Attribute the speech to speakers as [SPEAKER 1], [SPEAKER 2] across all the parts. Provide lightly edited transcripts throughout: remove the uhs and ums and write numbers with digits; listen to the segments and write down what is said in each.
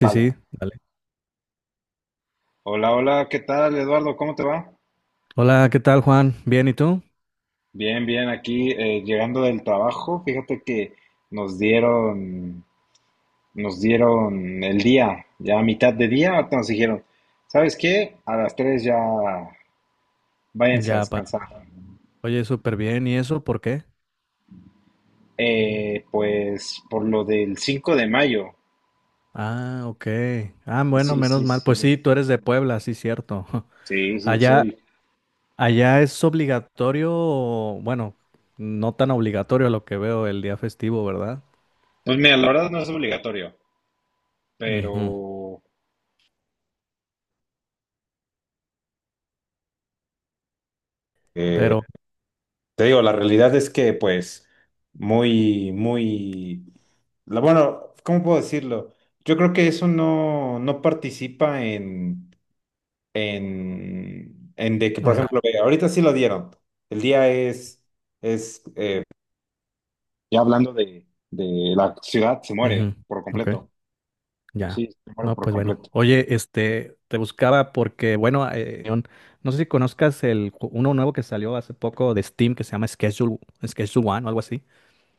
[SPEAKER 1] Sí, sí,
[SPEAKER 2] Vale.
[SPEAKER 1] dale.
[SPEAKER 2] Hola, hola, ¿qué tal, Eduardo? ¿Cómo te va?
[SPEAKER 1] Hola, ¿qué tal, Juan? Bien, ¿y tú?
[SPEAKER 2] Bien, bien, aquí llegando del trabajo. Fíjate que nos dieron, nos dieron el día, ya a mitad de día, ahorita nos dijeron, ¿sabes qué? A las 3 ya váyanse a
[SPEAKER 1] Ya, para.
[SPEAKER 2] descansar.
[SPEAKER 1] Oye, súper bien. ¿Y eso por qué?
[SPEAKER 2] Pues por lo del 5 de mayo.
[SPEAKER 1] Ah, ok. Ah, bueno,
[SPEAKER 2] Sí,
[SPEAKER 1] menos
[SPEAKER 2] sí,
[SPEAKER 1] mal. Pues
[SPEAKER 2] sí.
[SPEAKER 1] sí, tú eres de Puebla, sí, cierto.
[SPEAKER 2] Sí, sí,
[SPEAKER 1] Allá,
[SPEAKER 2] soy.
[SPEAKER 1] allá es obligatorio, bueno, no tan obligatorio a lo que veo el día festivo, ¿verdad?
[SPEAKER 2] Pues mira, la verdad no es obligatorio,
[SPEAKER 1] Ujú.
[SPEAKER 2] pero.
[SPEAKER 1] Pero,
[SPEAKER 2] Te digo, la realidad es que, pues, muy, muy, bueno, ¿cómo puedo decirlo? Yo creo que eso no participa en, de que, por
[SPEAKER 1] o sea,
[SPEAKER 2] ejemplo, ve, ahorita sí lo dieron. El día es, eh, ya hablando de la ciudad, se
[SPEAKER 1] ujú,
[SPEAKER 2] muere por
[SPEAKER 1] ok.
[SPEAKER 2] completo.
[SPEAKER 1] Ya.
[SPEAKER 2] Sí, se muere
[SPEAKER 1] No,
[SPEAKER 2] por
[SPEAKER 1] pues bueno.
[SPEAKER 2] completo.
[SPEAKER 1] Oye, este, te buscaba porque, bueno, no sé si conozcas el uno nuevo que salió hace poco de Steam que se llama Schedule One o algo así.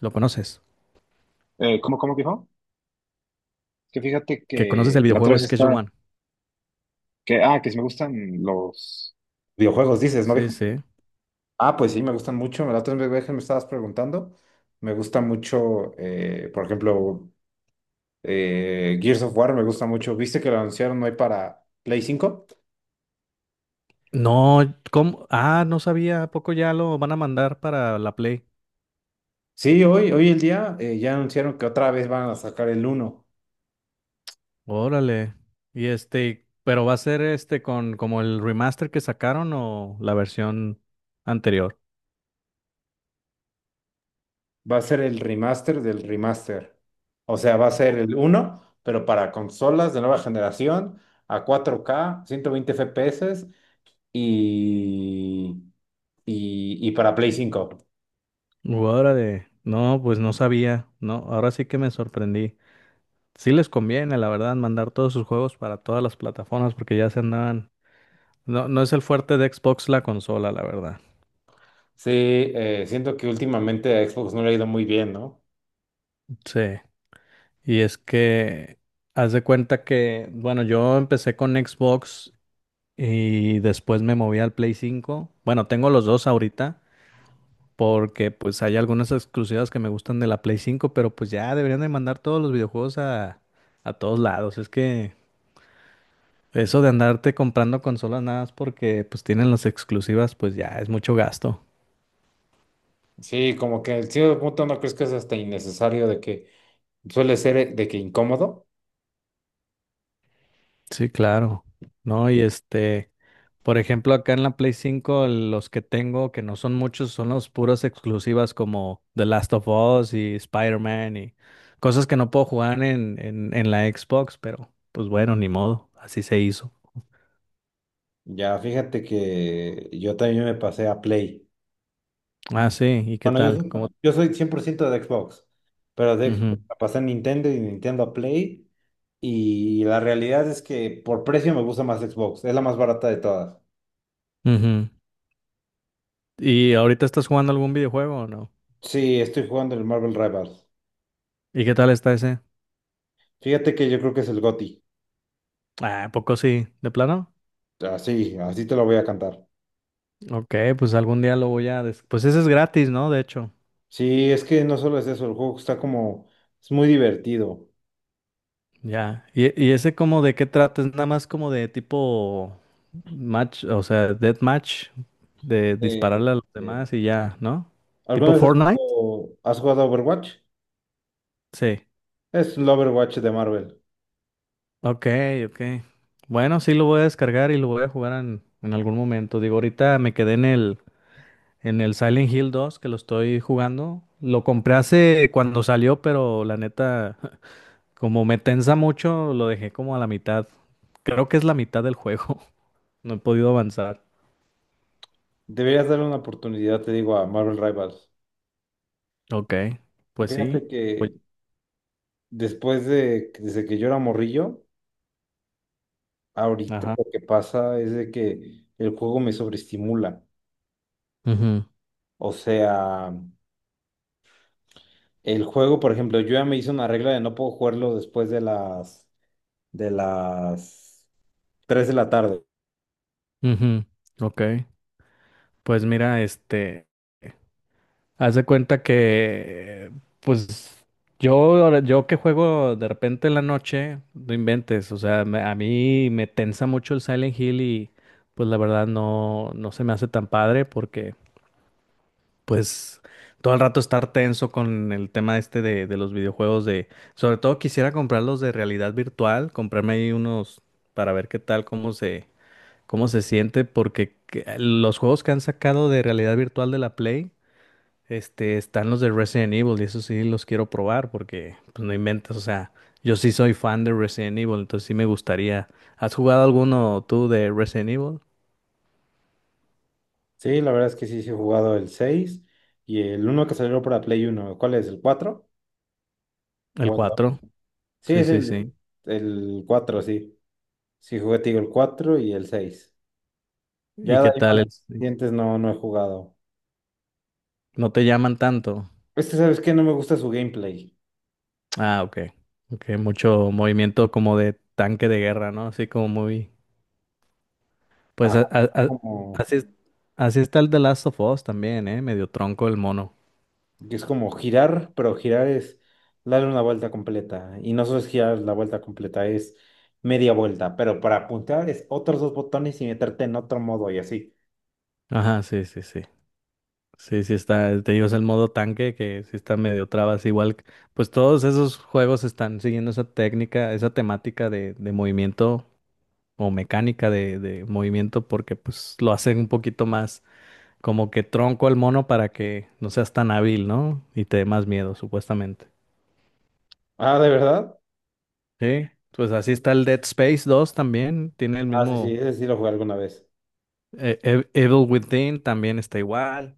[SPEAKER 1] ¿Lo conoces?
[SPEAKER 2] ¿Cómo dijo? Que fíjate
[SPEAKER 1] ¿Que conoces
[SPEAKER 2] que
[SPEAKER 1] el
[SPEAKER 2] la otra
[SPEAKER 1] videojuego
[SPEAKER 2] vez
[SPEAKER 1] Schedule
[SPEAKER 2] está,
[SPEAKER 1] One?
[SPEAKER 2] que si me gustan los videojuegos, dices, ¿no,
[SPEAKER 1] Sí,
[SPEAKER 2] dijo?
[SPEAKER 1] sí.
[SPEAKER 2] Ah, pues sí, me gustan mucho. La otra vez que me estabas preguntando, me gusta mucho, por ejemplo, Gears of War, me gusta mucho. ¿Viste que lo anunciaron hoy para Play 5?
[SPEAKER 1] No, ¿cómo? Ah, no sabía, ¿a poco ya lo van a mandar para la Play?
[SPEAKER 2] Sí, hoy el día ya anunciaron que otra vez van a sacar el uno.
[SPEAKER 1] Órale. Y este, pero va a ser este con como el remaster que sacaron o la versión anterior.
[SPEAKER 2] Va a ser el remaster del remaster. O sea, va a ser el uno, pero para consolas de nueva generación, a 4K 120 FPS y, y para Play 5.
[SPEAKER 1] Órale. No, pues no sabía. No, ahora sí que me sorprendí. Sí les conviene, la verdad, mandar todos sus juegos para todas las plataformas porque ya se andaban. No, no es el fuerte de Xbox la consola, la verdad.
[SPEAKER 2] Sí, siento que últimamente a Xbox no le ha ido muy bien, ¿no?
[SPEAKER 1] Sí. Y es que haz de cuenta que, bueno, yo empecé con Xbox y después me moví al Play 5. Bueno, tengo los dos ahorita porque pues hay algunas exclusivas que me gustan de la Play 5, pero pues ya deberían de mandar todos los videojuegos a todos lados. Es que eso de andarte comprando consolas nada más porque pues tienen las exclusivas, pues ya es mucho gasto.
[SPEAKER 2] Sí, como que en cierto punto no crees que es hasta innecesario de que suele ser de que incómodo.
[SPEAKER 1] Sí, claro. No, y este, por ejemplo, acá en la Play 5 los que tengo, que no son muchos, son los puras exclusivas como The Last of Us y Spider-Man y cosas que no puedo jugar en la Xbox, pero pues bueno, ni modo, así se hizo.
[SPEAKER 2] Ya, fíjate que yo también me pasé a Play.
[SPEAKER 1] Ah, sí, ¿y qué
[SPEAKER 2] Bueno, yo,
[SPEAKER 1] tal? ¿Cómo?
[SPEAKER 2] soy- yo soy 100% de Xbox, pero de
[SPEAKER 1] Ujú,
[SPEAKER 2] Xbox me pasé a Nintendo y de Nintendo a Play. Y la realidad es que por precio me gusta más Xbox, es la más barata de todas.
[SPEAKER 1] ujú. ¿Y ahorita estás jugando algún videojuego o no?
[SPEAKER 2] Sí, estoy jugando el Marvel Rivals.
[SPEAKER 1] ¿Y qué tal está ese?
[SPEAKER 2] Fíjate que yo creo que es el GOTY.
[SPEAKER 1] Ah, ¿a poco sí? ¿De plano?
[SPEAKER 2] Así, así te lo voy a cantar.
[SPEAKER 1] Ok, pues algún día lo voy a. Pues ese es gratis, ¿no? De hecho,
[SPEAKER 2] Sí, es que no solo es eso, el juego está como, es muy divertido.
[SPEAKER 1] ya. ¿Y ese como de qué trata? ¿Es nada más como de tipo match, o sea, death match, de
[SPEAKER 2] Eh,
[SPEAKER 1] dispararle a los
[SPEAKER 2] eh,
[SPEAKER 1] demás y ya, ¿no?
[SPEAKER 2] ¿Alguna
[SPEAKER 1] ¿Tipo
[SPEAKER 2] vez has
[SPEAKER 1] Fortnite?
[SPEAKER 2] jugado, has jugado a Overwatch?
[SPEAKER 1] Sí.
[SPEAKER 2] Es el Overwatch de Marvel.
[SPEAKER 1] Ok, ok. Bueno, sí lo voy a descargar y lo voy a jugar en algún momento. Digo, ahorita me quedé en el Silent Hill 2 que lo estoy jugando. Lo compré hace cuando salió, pero la neta, como me tensa mucho, lo dejé como a la mitad. Creo que es la mitad del juego. No he podido avanzar.
[SPEAKER 2] Deberías darle una oportunidad, te digo, a Marvel Rivals.
[SPEAKER 1] Ok, pues
[SPEAKER 2] Fíjate
[SPEAKER 1] sí. Pues,
[SPEAKER 2] que desde que yo era morrillo, ahorita
[SPEAKER 1] ajá.
[SPEAKER 2] lo que pasa es de que el juego me sobreestimula.
[SPEAKER 1] Ujú,
[SPEAKER 2] O sea, el juego, por ejemplo, yo ya me hice una regla de no puedo jugarlo después de las 3 de la tarde.
[SPEAKER 1] ujú, ok. Pues mira, este, haz de cuenta que, pues, yo, yo que juego de repente en la noche, no inventes. O sea, a mí me tensa mucho el Silent Hill y, pues, la verdad no se me hace tan padre porque pues todo el rato estar tenso con el tema este de los videojuegos de, sobre todo quisiera comprarlos de realidad virtual, comprarme ahí unos para ver qué tal, cómo se, siente, porque los juegos que han sacado de realidad virtual de la Play, este, están los de Resident Evil y eso sí los quiero probar porque, pues no inventas, o sea, yo sí soy fan de Resident Evil, entonces sí me gustaría. ¿Has jugado alguno tú de Resident Evil?
[SPEAKER 2] Sí, la verdad es que sí, sí he jugado el 6 y el uno que salió para Play Uno. ¿Cuál es? ¿El cuatro?
[SPEAKER 1] El
[SPEAKER 2] ¿O el dos?
[SPEAKER 1] cuatro.
[SPEAKER 2] Sí,
[SPEAKER 1] Sí,
[SPEAKER 2] es
[SPEAKER 1] sí,
[SPEAKER 2] el,
[SPEAKER 1] sí.
[SPEAKER 2] el 4. Sí, Sí, jugué, te digo, el 4 y el 6.
[SPEAKER 1] ¿Y
[SPEAKER 2] Ya de
[SPEAKER 1] qué
[SPEAKER 2] ahí
[SPEAKER 1] tal?
[SPEAKER 2] para
[SPEAKER 1] ¿Es?
[SPEAKER 2] dientes no he jugado.
[SPEAKER 1] ¿No te llaman tanto?
[SPEAKER 2] Este, ¿sabes qué? No me gusta su gameplay.
[SPEAKER 1] Ah, ok. Ok, mucho movimiento como de tanque de guerra, ¿no? Así como muy... Pues
[SPEAKER 2] Ah,
[SPEAKER 1] a- a- a-
[SPEAKER 2] como,
[SPEAKER 1] así, es- así está el The Last of Us también, ¿eh? Medio tronco el mono.
[SPEAKER 2] que es como girar, pero girar es darle una vuelta completa. Y no solo es girar la vuelta completa, es media vuelta. Pero para apuntar es otros dos botones y meterte en otro modo y así.
[SPEAKER 1] Ajá, sí, sí, sí. Sí, sí está, te digo, es el modo tanque que sí está medio trabas. Igual, pues todos esos juegos están siguiendo esa técnica, esa temática de movimiento o mecánica de movimiento porque pues lo hacen un poquito más como que tronco el mono para que no seas tan hábil, ¿no? Y te dé más miedo, supuestamente.
[SPEAKER 2] Ah, ¿de verdad?
[SPEAKER 1] Sí, pues así está el Dead Space dos también, tiene el
[SPEAKER 2] Ah, sí, sí,
[SPEAKER 1] mismo
[SPEAKER 2] ese sí lo jugué alguna vez.
[SPEAKER 1] Evil Within también está igual,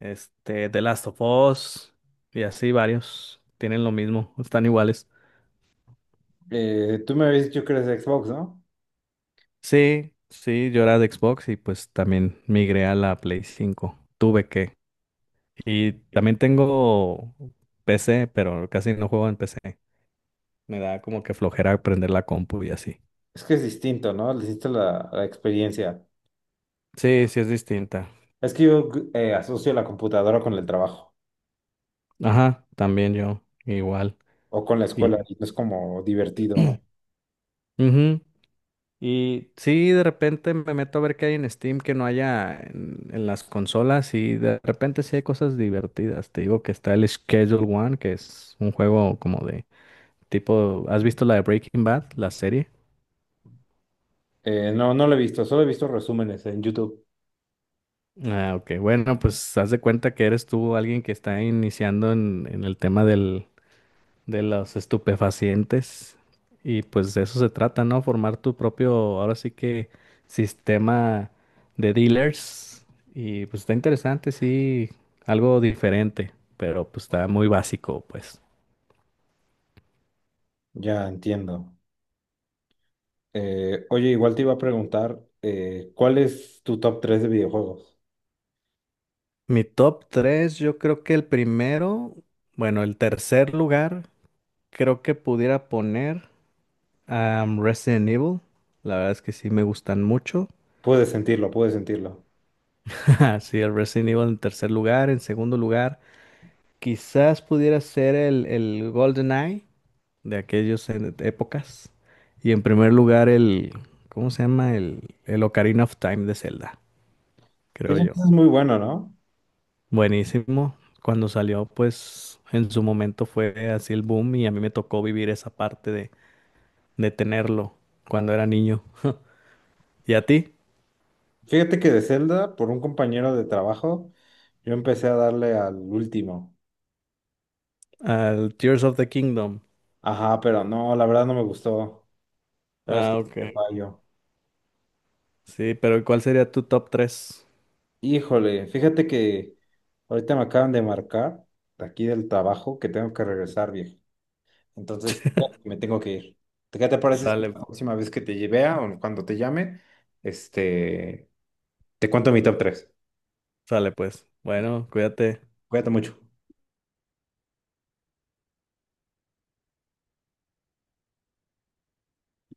[SPEAKER 1] este The Last of Us y así varios tienen lo mismo, están iguales.
[SPEAKER 2] Tú me habías dicho que eres de Xbox, ¿no?
[SPEAKER 1] Sí, sí, yo era de Xbox y pues también migré a la Play 5 tuve que. Y también tengo PC, pero casi no juego en PC. Me da como que flojera prender la compu y así.
[SPEAKER 2] Es que es distinto, ¿no? Le hiciste la experiencia.
[SPEAKER 1] Sí, sí es distinta.
[SPEAKER 2] Es que yo asocio la computadora con el trabajo
[SPEAKER 1] Ajá, también yo, igual.
[SPEAKER 2] o con la escuela
[SPEAKER 1] Y,
[SPEAKER 2] y no es como divertido, ¿no?
[SPEAKER 1] ujú. Y sí, de repente me meto a ver qué hay en Steam que no haya en las consolas y de repente sí hay cosas divertidas. Te digo que está el Schedule One, que es un juego como de tipo, ¿has visto la de Breaking Bad, la serie?
[SPEAKER 2] No, no lo he visto, solo he visto resúmenes en YouTube.
[SPEAKER 1] Ah, ok, bueno, pues haz de cuenta que eres tú alguien que está iniciando en el tema del de los estupefacientes. Y pues de eso se trata, ¿no? Formar tu propio, ahora sí que, sistema de dealers. Y pues está interesante, sí, algo diferente, pero pues está muy básico, pues.
[SPEAKER 2] Ya entiendo. Oye, igual te iba a preguntar, ¿cuál es tu top 3 de videojuegos?
[SPEAKER 1] Mi top tres yo creo que el primero, bueno, el tercer lugar, creo que pudiera poner a Resident Evil. La verdad es que sí me gustan mucho.
[SPEAKER 2] Puedes sentirlo, puedes sentirlo.
[SPEAKER 1] Sí, el Resident Evil en tercer lugar, en segundo lugar. Quizás pudiera ser el GoldenEye de aquellas épocas. Y en primer lugar, el, ¿cómo se llama? El Ocarina of Time de Zelda, creo
[SPEAKER 2] Dicen
[SPEAKER 1] yo.
[SPEAKER 2] es muy bueno, ¿no?
[SPEAKER 1] Buenísimo. Cuando salió, pues en su momento fue así el boom y a mí me tocó vivir esa parte de tenerlo cuando era niño. ¿Y a ti?
[SPEAKER 2] Fíjate que de Zelda, por un compañero de trabajo, yo empecé a darle al último.
[SPEAKER 1] Al Tears of the Kingdom.
[SPEAKER 2] Ajá, pero no, la verdad no me gustó. La verdad
[SPEAKER 1] Ah,
[SPEAKER 2] es que sí
[SPEAKER 1] ok.
[SPEAKER 2] te fallo.
[SPEAKER 1] Sí, pero ¿cuál sería tu top tres?
[SPEAKER 2] Híjole, fíjate que ahorita me acaban de marcar de aquí del trabajo que tengo que regresar, viejo. Entonces, fíjate que me tengo que ir. ¿Qué te parece si
[SPEAKER 1] Sale,
[SPEAKER 2] la próxima vez que te lleve o cuando te llame, este, te cuento mi top 3?
[SPEAKER 1] sale pues. Bueno, cuídate.
[SPEAKER 2] Cuídate mucho.